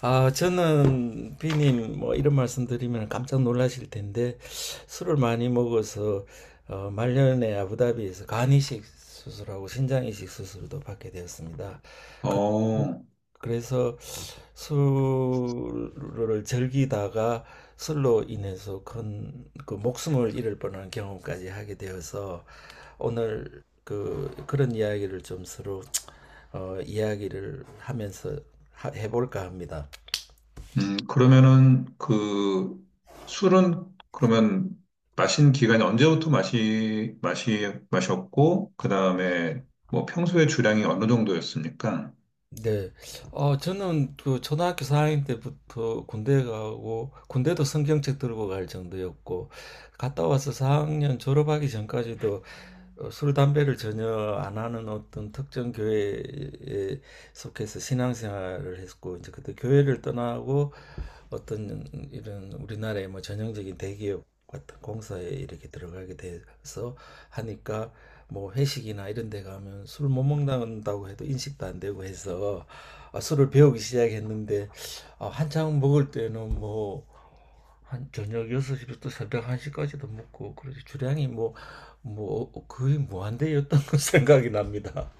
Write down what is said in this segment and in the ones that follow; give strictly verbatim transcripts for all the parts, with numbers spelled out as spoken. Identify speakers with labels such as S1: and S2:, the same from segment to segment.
S1: 아, 저는 비님 뭐 이런 말씀 드리면 깜짝 놀라실 텐데 술을 많이 먹어서 어, 말년에 아부다비에서 간 이식 수술하고 신장 이식 수술도 받게 되었습니다. 그,
S2: 어,
S1: 그래서 술을 즐기다가 술로 인해서 큰 그 목숨을 잃을 뻔한 경험까지 하게 되어서 오늘 그 그런 이야기를 좀 서로 어, 이야기를 하면서 하, 해볼까 합니다.
S2: 음, 그러면은 그 술은 그러면 마신 기간이 언제부터 마시, 마시, 마셨고, 그 다음에 뭐 평소에 주량이 어느 정도였습니까?
S1: 네. 어, 저는 그 초등학교 사 학년 때부터 군대 가고, 군대도 성경책 들고 갈 정도였고, 갔다 와서 사 학년 졸업하기 전까지도 어, 술, 담배를 전혀 안 하는 어떤 특정 교회에 속해서 신앙생활을 했고, 이제 그때 교회를 떠나고 어떤 이런 우리나라의 뭐 전형적인 대기업 같은 공사에 이렇게 들어가게 돼서 하니까 뭐 회식이나 이런 데 가면 술 못 먹는다고 해도 인식도 안 되고 해서 아, 술을 배우기 시작했는데 아, 한창 먹을 때는 뭐 한 저녁 여섯 시부터 새벽 한 시까지도 먹고 그래서 주량이 뭐 뭐 거의 무한대였던 거 생각이 납니다.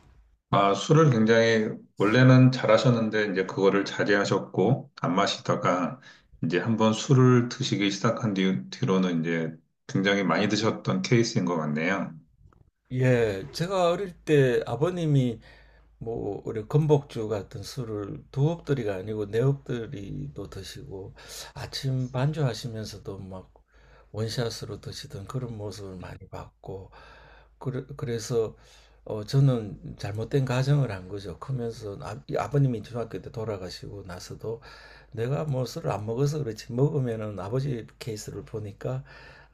S2: 아, 술을 굉장히 원래는 잘하셨는데 이제 그거를 자제하셨고, 안 마시다가 이제 한번 술을 드시기 시작한 뒤, 뒤로는 이제 굉장히 많이 드셨던 케이스인 것 같네요.
S1: 예, 제가 어릴 때 아버님이 뭐 우리 건복주 같은 술을 두 엎드리가 아니고 네 엎드리도 드시고 아침 반주하시면서도 막 원샷으로 드시던 그런 모습을 많이 봤고 그래, 그래서 어 저는 잘못된 가정을 한 거죠. 크면서 아, 이 아버님이 중학교 때 돌아가시고 나서도 내가 뭐 술을 안 먹어서 그렇지 먹으면은 아버지 케이스를 보니까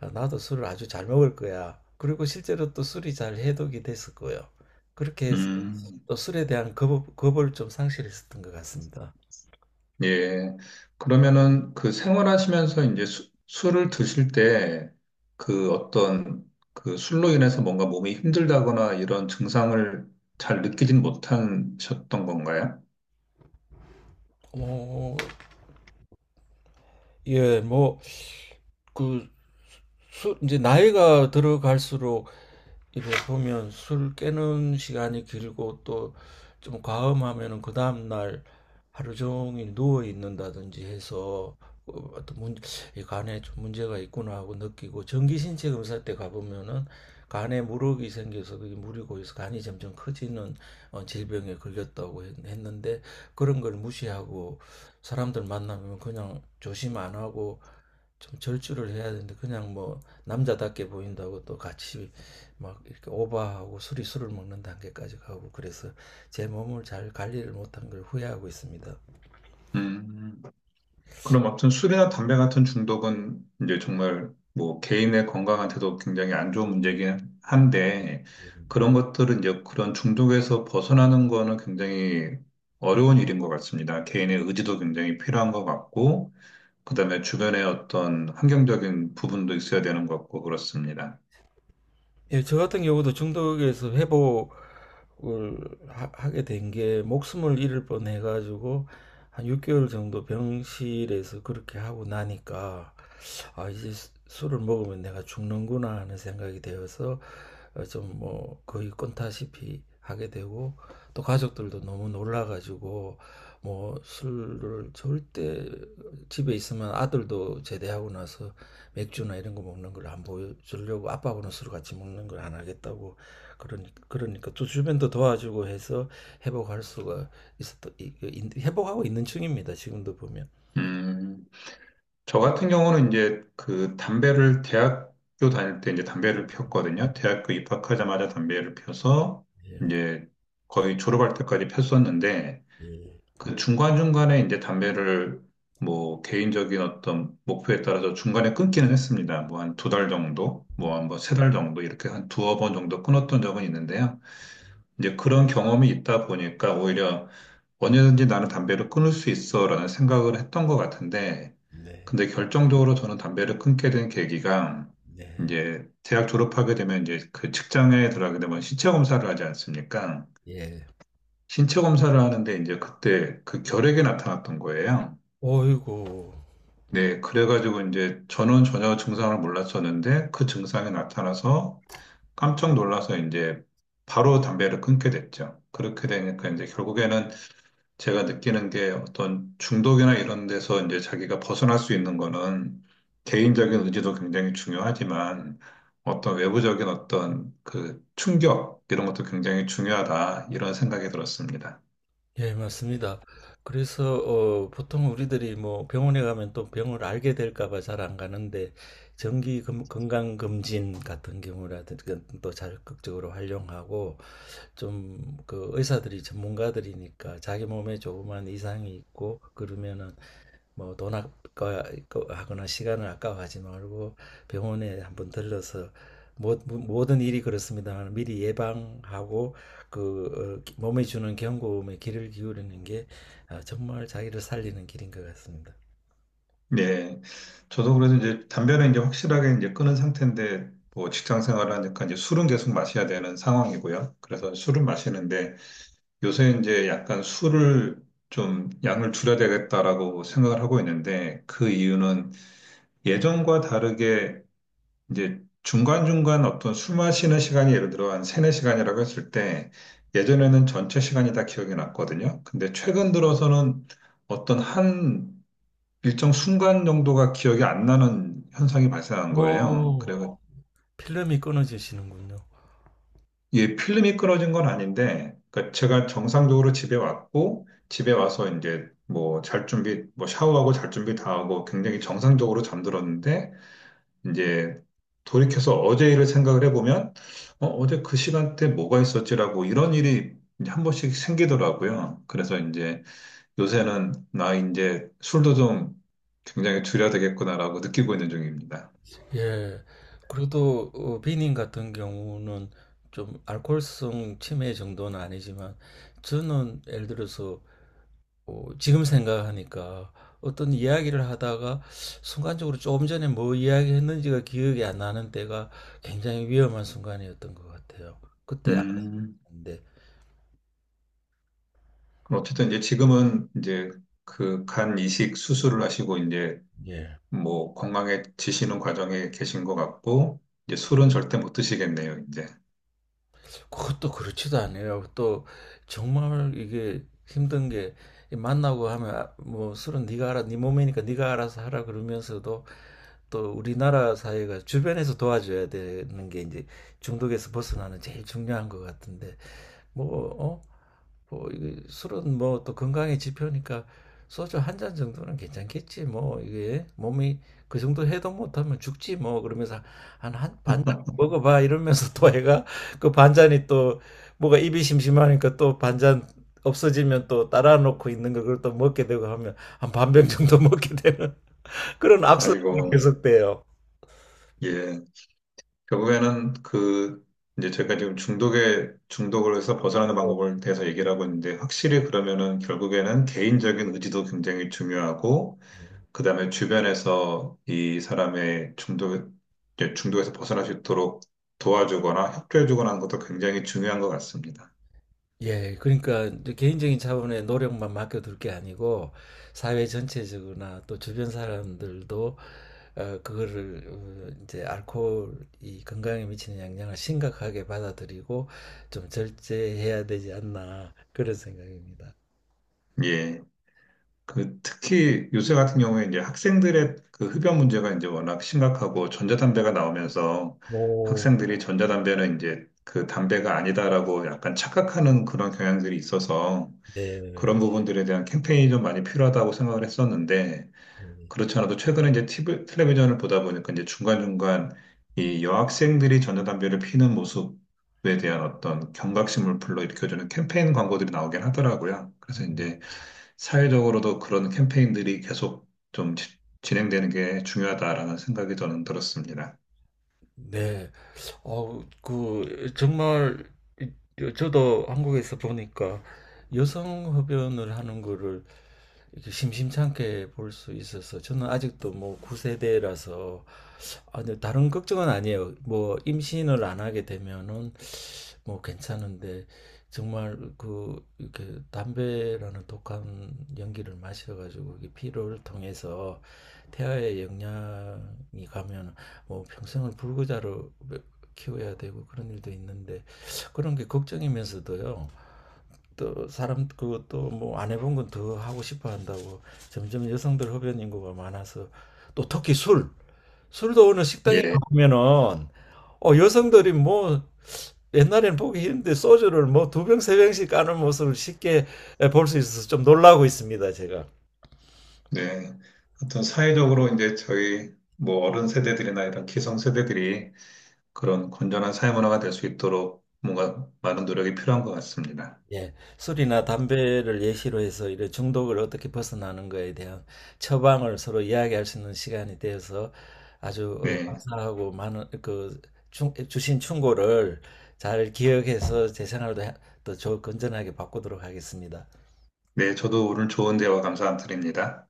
S1: 아, 나도 술을 아주 잘 먹을 거야. 그리고 실제로 또 술이 잘 해독이 됐었고요. 그렇게 해서
S2: 음.
S1: 또 술에 대한 겁, 겁을 좀 상실했었던 것 같습니다.
S2: 예. 그러면은 그 생활하시면서 이제 수- 술을 드실 때 그 어떤 그 술로 인해서 뭔가 몸이 힘들다거나 이런 증상을 잘 느끼진 못하셨던 건가요?
S1: 뭐, 예, 뭐 그 술, 이제 나이가 들어갈수록 이래 보면 술 깨는 시간이 길고 또 좀 과음하면은 그 다음날 하루 종일 누워 있는다든지 해서 어, 어떤 문, 이 간에 좀 문제가 있구나 하고 느끼고 정기신체 검사 때 가보면은 간에 물혹이 생겨서 그게 물이 고여서 간이 점점 커지는 어, 질병에 걸렸다고 했, 했는데 그런 걸 무시하고 사람들 만나면 그냥 조심 안 하고 좀 절주를 해야 되는데 그냥 뭐 남자답게 보인다고 또 같이 막 이렇게 오바하고 술이 술을 먹는 단계까지 가고 그래서 제 몸을 잘 관리를 못한 걸 후회하고 있습니다.
S2: 음. 그럼 아무튼 술이나 담배 같은 중독은 이제 정말 뭐 개인의 건강한테도 굉장히 안 좋은 문제긴 한데, 그런 것들은 이제 그런 중독에서 벗어나는 거는 굉장히 어려운 일인 것 같습니다. 개인의 의지도 굉장히 필요한 것 같고, 그다음에 주변에 어떤 환경적인 부분도 있어야 되는 것 같고 그렇습니다.
S1: 예, 저 같은 경우도 중독에서 회복을 하, 하게 된 게 목숨을 잃을 뻔해 가지고 한 육 개월 정도 병실에서 그렇게 하고 나니까 아 이제 수- 술을 먹으면 내가 죽는구나 하는 생각이 되어서 어, 좀뭐 거의 꼰타시피 하게 되고 또 가족들도 너무 놀라 가지고 뭐 술을 절대 집에 있으면 아들도 제대하고 나서 맥주나 이런 거 먹는 걸 안 보여주려고 아빠하고는 술 같이 먹는 걸 안 하겠다고 그러니 그러니까 또 주변도 도와주고 해서 회복할 수가 있었던 그 회복하고 있는 중입니다. 지금도 보면.
S2: 음, 저 같은 경우는 이제 그 담배를 대학교 다닐 때 이제 담배를 피웠거든요. 대학교 입학하자마자 담배를 피워서
S1: 예.
S2: 이제 거의 졸업할 때까지 폈었는데,
S1: 예.
S2: 그 중간중간에 이제 담배를 뭐 개인적인 어떤 목표에 따라서 중간에 끊기는 했습니다. 뭐 한 두 달 정도, 뭐 한 뭐 세 달 정도 이렇게 한 두어 번 정도 끊었던 적은 있는데요. 이제 그런 경험이 있다 보니까 오히려 언제든지 나는 담배를 끊을 수 있어라는 생각을 했던 것 같은데,
S1: 네.
S2: 근데 결정적으로 저는 담배를 끊게 된 계기가,
S1: 네.
S2: 이제 대학 졸업하게 되면 이제 그 직장에 들어가게 되면 신체 검사를 하지 않습니까?
S1: 예.
S2: 신체 검사를 하는데 이제 그때 그 결핵이 나타났던 거예요.
S1: 어이구.
S2: 네, 그래가지고 이제 저는 전혀 증상을 몰랐었는데 그 증상이 나타나서 깜짝 놀라서 이제 바로 담배를 끊게 됐죠. 그렇게 되니까 이제 결국에는 제가 느끼는 게, 어떤 중독이나 이런 데서 이제 자기가 벗어날 수 있는 거는 개인적인 의지도 굉장히 중요하지만 어떤 외부적인 어떤 그 충격 이런 것도 굉장히 중요하다, 이런 생각이 들었습니다.
S1: 예, 맞습니다. 그래서 어, 보통 우리들이 뭐 병원에 가면 또 병을 알게 될까 봐 잘 안 가는데 정기 검- 건강 검진 같은 경우라든지 또 적극적으로 활용하고 좀 그 의사들이 전문가들이니까 자기 몸에 조그만 이상이 있고 그러면은 뭐 돈 아까하거나 시간을 아까워하지 말고 병원에 한번 들러서 모, 모든 일이 그렇습니다만 미리 예방하고 그 어, 몸에 주는 경고음에 귀를 기울이는 게 아, 정말 자기를 살리는 길인 것 같습니다.
S2: 네. 저도 그래서 이제 담배는 이제 확실하게 이제 끊은 상태인데, 뭐 직장 생활을 하니까 이제 술은 계속 마셔야 되는 상황이고요. 그래서 술은 마시는데 요새 이제 약간 술을 좀 양을 줄여야 되겠다라고 생각을 하고 있는데, 그 이유는 예전과 다르게 이제 중간중간 어떤 술 마시는 시간이 예를 들어 한 세네 시간이라고 했을 때, 예전에는 전체 시간이 다 기억이 났거든요. 근데 최근 들어서는 어떤 한 일정 순간 정도가 기억이 안 나는 현상이 발생한 거예요.
S1: 뭐,
S2: 그리고
S1: 필름이 끊어지시는군요.
S2: 이게 필름이 끊어진 건 아닌데, 그러니까 제가 정상적으로 집에 왔고 집에 와서 이제 뭐 잘 준비, 뭐 샤워하고 잘 준비 다 하고 굉장히 정상적으로 잠들었는데, 이제 돌이켜서 어제 일을 생각을 해보면 어, 어제 그 시간대 뭐가 있었지라고, 이런 일이 이제 한 번씩 생기더라고요. 그래서 이제 요새는 나 이제 술도 좀 굉장히 줄여야 되겠구나라고 느끼고 있는 중입니다.
S1: 예. 그리고 또 어, 비님 같은 경우는 좀 알코올성 치매 정도는 아니지만 저는 예를 들어서 어, 지금 생각하니까 어떤 이야기를 하다가 순간적으로 조금 전에 뭐 이야기했는지가 기억이 안 나는 때가 굉장히 위험한 순간이었던 것 같아요. 그때
S2: 음,
S1: 알았는데
S2: 그럼 어쨌든 이제 지금은 이제 그 간 이식 수술을 하시고 이제
S1: 예.
S2: 뭐 건강해지시는 과정에 계신 것 같고, 이제 술은 절대 못 드시겠네요, 이제.
S1: 그것도 그렇지도 않아요. 또 정말 이게 힘든 게 만나고 하면 아, 뭐 술은 네가 알아, 네 몸이니까 네가 알아서 하라 그러면서도 또 우리나라 사회가 주변에서 도와줘야 되는 게 이제 중독에서 벗어나는 제일 중요한 것 같은데 뭐 어? 뭐 이게 술은 뭐 또 건강의 지표니까 소주 한 잔 정도는 괜찮겠지 뭐 이게 몸이 그 정도 해독 못하면 죽지 뭐 그러면서 한 한 반 잔 먹어봐 이러면서 또 애가 그 반잔이 또 뭐가 입이 심심하니까 또 반잔 없어지면 또 따라 놓고 있는 걸 그걸 또 먹게 되고 하면 한 반병 정도 먹게 되는 그런 악순환이
S2: 아이고,
S1: 계속돼요.
S2: 예. 결국에는 그 이제 제가 지금 중독에 중독을 해서 벗어나는
S1: 네.
S2: 방법을 대해서 얘기를 하고 있는데, 확실히 그러면은 결국에는 개인적인 의지도 굉장히 중요하고, 그다음에 주변에서 이 사람의 중독, 이제 중독에서 벗어날 수 있도록 도와주거나 협조해주거나 하는 것도 굉장히 중요한 것 같습니다.
S1: 예, 그러니까 이제 개인적인 차원의 노력만 맡겨둘 게 아니고 사회 전체적으로나 또 주변 사람들도 어, 그거를 어, 이제 알코올이 건강에 미치는 영향을 심각하게 받아들이고 좀 절제해야 되지 않나 그런 생각입니다.
S2: 예. 그 특히 요새 같은 경우에 이제 학생들의 그 흡연 문제가 이제 워낙 심각하고, 전자담배가 나오면서
S1: 오,
S2: 학생들이 전자담배는 이제 그 담배가 아니다라고 약간 착각하는 그런 경향들이 있어서
S1: 네.
S2: 그런 부분들에 대한 캠페인이 좀 많이 필요하다고 생각을 했었는데,
S1: 음.
S2: 그렇지 않아도 최근에 이제 티 브이 텔레비전을 보다 보니까 이제 중간중간 이 여학생들이 전자담배를 피는 모습에 대한 어떤 경각심을 불러일으켜주는 캠페인 광고들이 나오긴 하더라고요. 그래서 이제 사회적으로도 그런 캠페인들이 계속 좀 지- 진행되는 게 중요하다라는 생각이 저는 들었습니다.
S1: 네. 어, 그, 정말, 이- 저도 한국에서 보니까 여성 흡연을 하는 거를 이렇게 심심찮게 볼 수 있어서 저는 아직도 뭐 구 세대라서 아, 근데 다른 걱정은 아니에요. 뭐 임신을 안 하게 되면은 뭐 괜찮은데 정말 그 이렇게 담배라는 독한 연기를 마셔가지고 이게 피로를 통해서 태아에 영향이 가면은 뭐 평생을 불구자로 키워야 되고 그런 일도 있는데 그런 게 걱정이면서도요. 또 사람 그또뭐안 해본 건 더 하고 싶어 한다고 점점 여성들 흡연 인구가 많아서 또 특히 술 술도 어느 식당에
S2: 예,
S1: 가면은 어 여성들이 뭐 옛날에는 보기 힘든데 소주를 뭐 두 병 세 병씩 까는 모습을 쉽게 볼 수 있어서 좀 놀라고 있습니다 제가.
S2: 네. 하여튼 사회적으로 이제 저희 뭐 어른 세대들이나 이런 기성 세대들이 그런 건전한 사회 문화가 될 수 있도록 뭔가 많은 노력이 필요한 것 같습니다.
S1: 예, 술이나 담배를 예시로 해서 이런 중독을 어떻게 벗어나는 거에 대한 처방을 서로 이야기할 수 있는 시간이 되어서 아주 어,
S2: 네,
S1: 감사하고 많은 그 충- 주신 충고를 잘 기억해서 제 생활도 해- 또 좋- 건전하게 바꾸도록 하겠습니다.
S2: 네, 저도 오늘 좋은 대화 감사드립니다.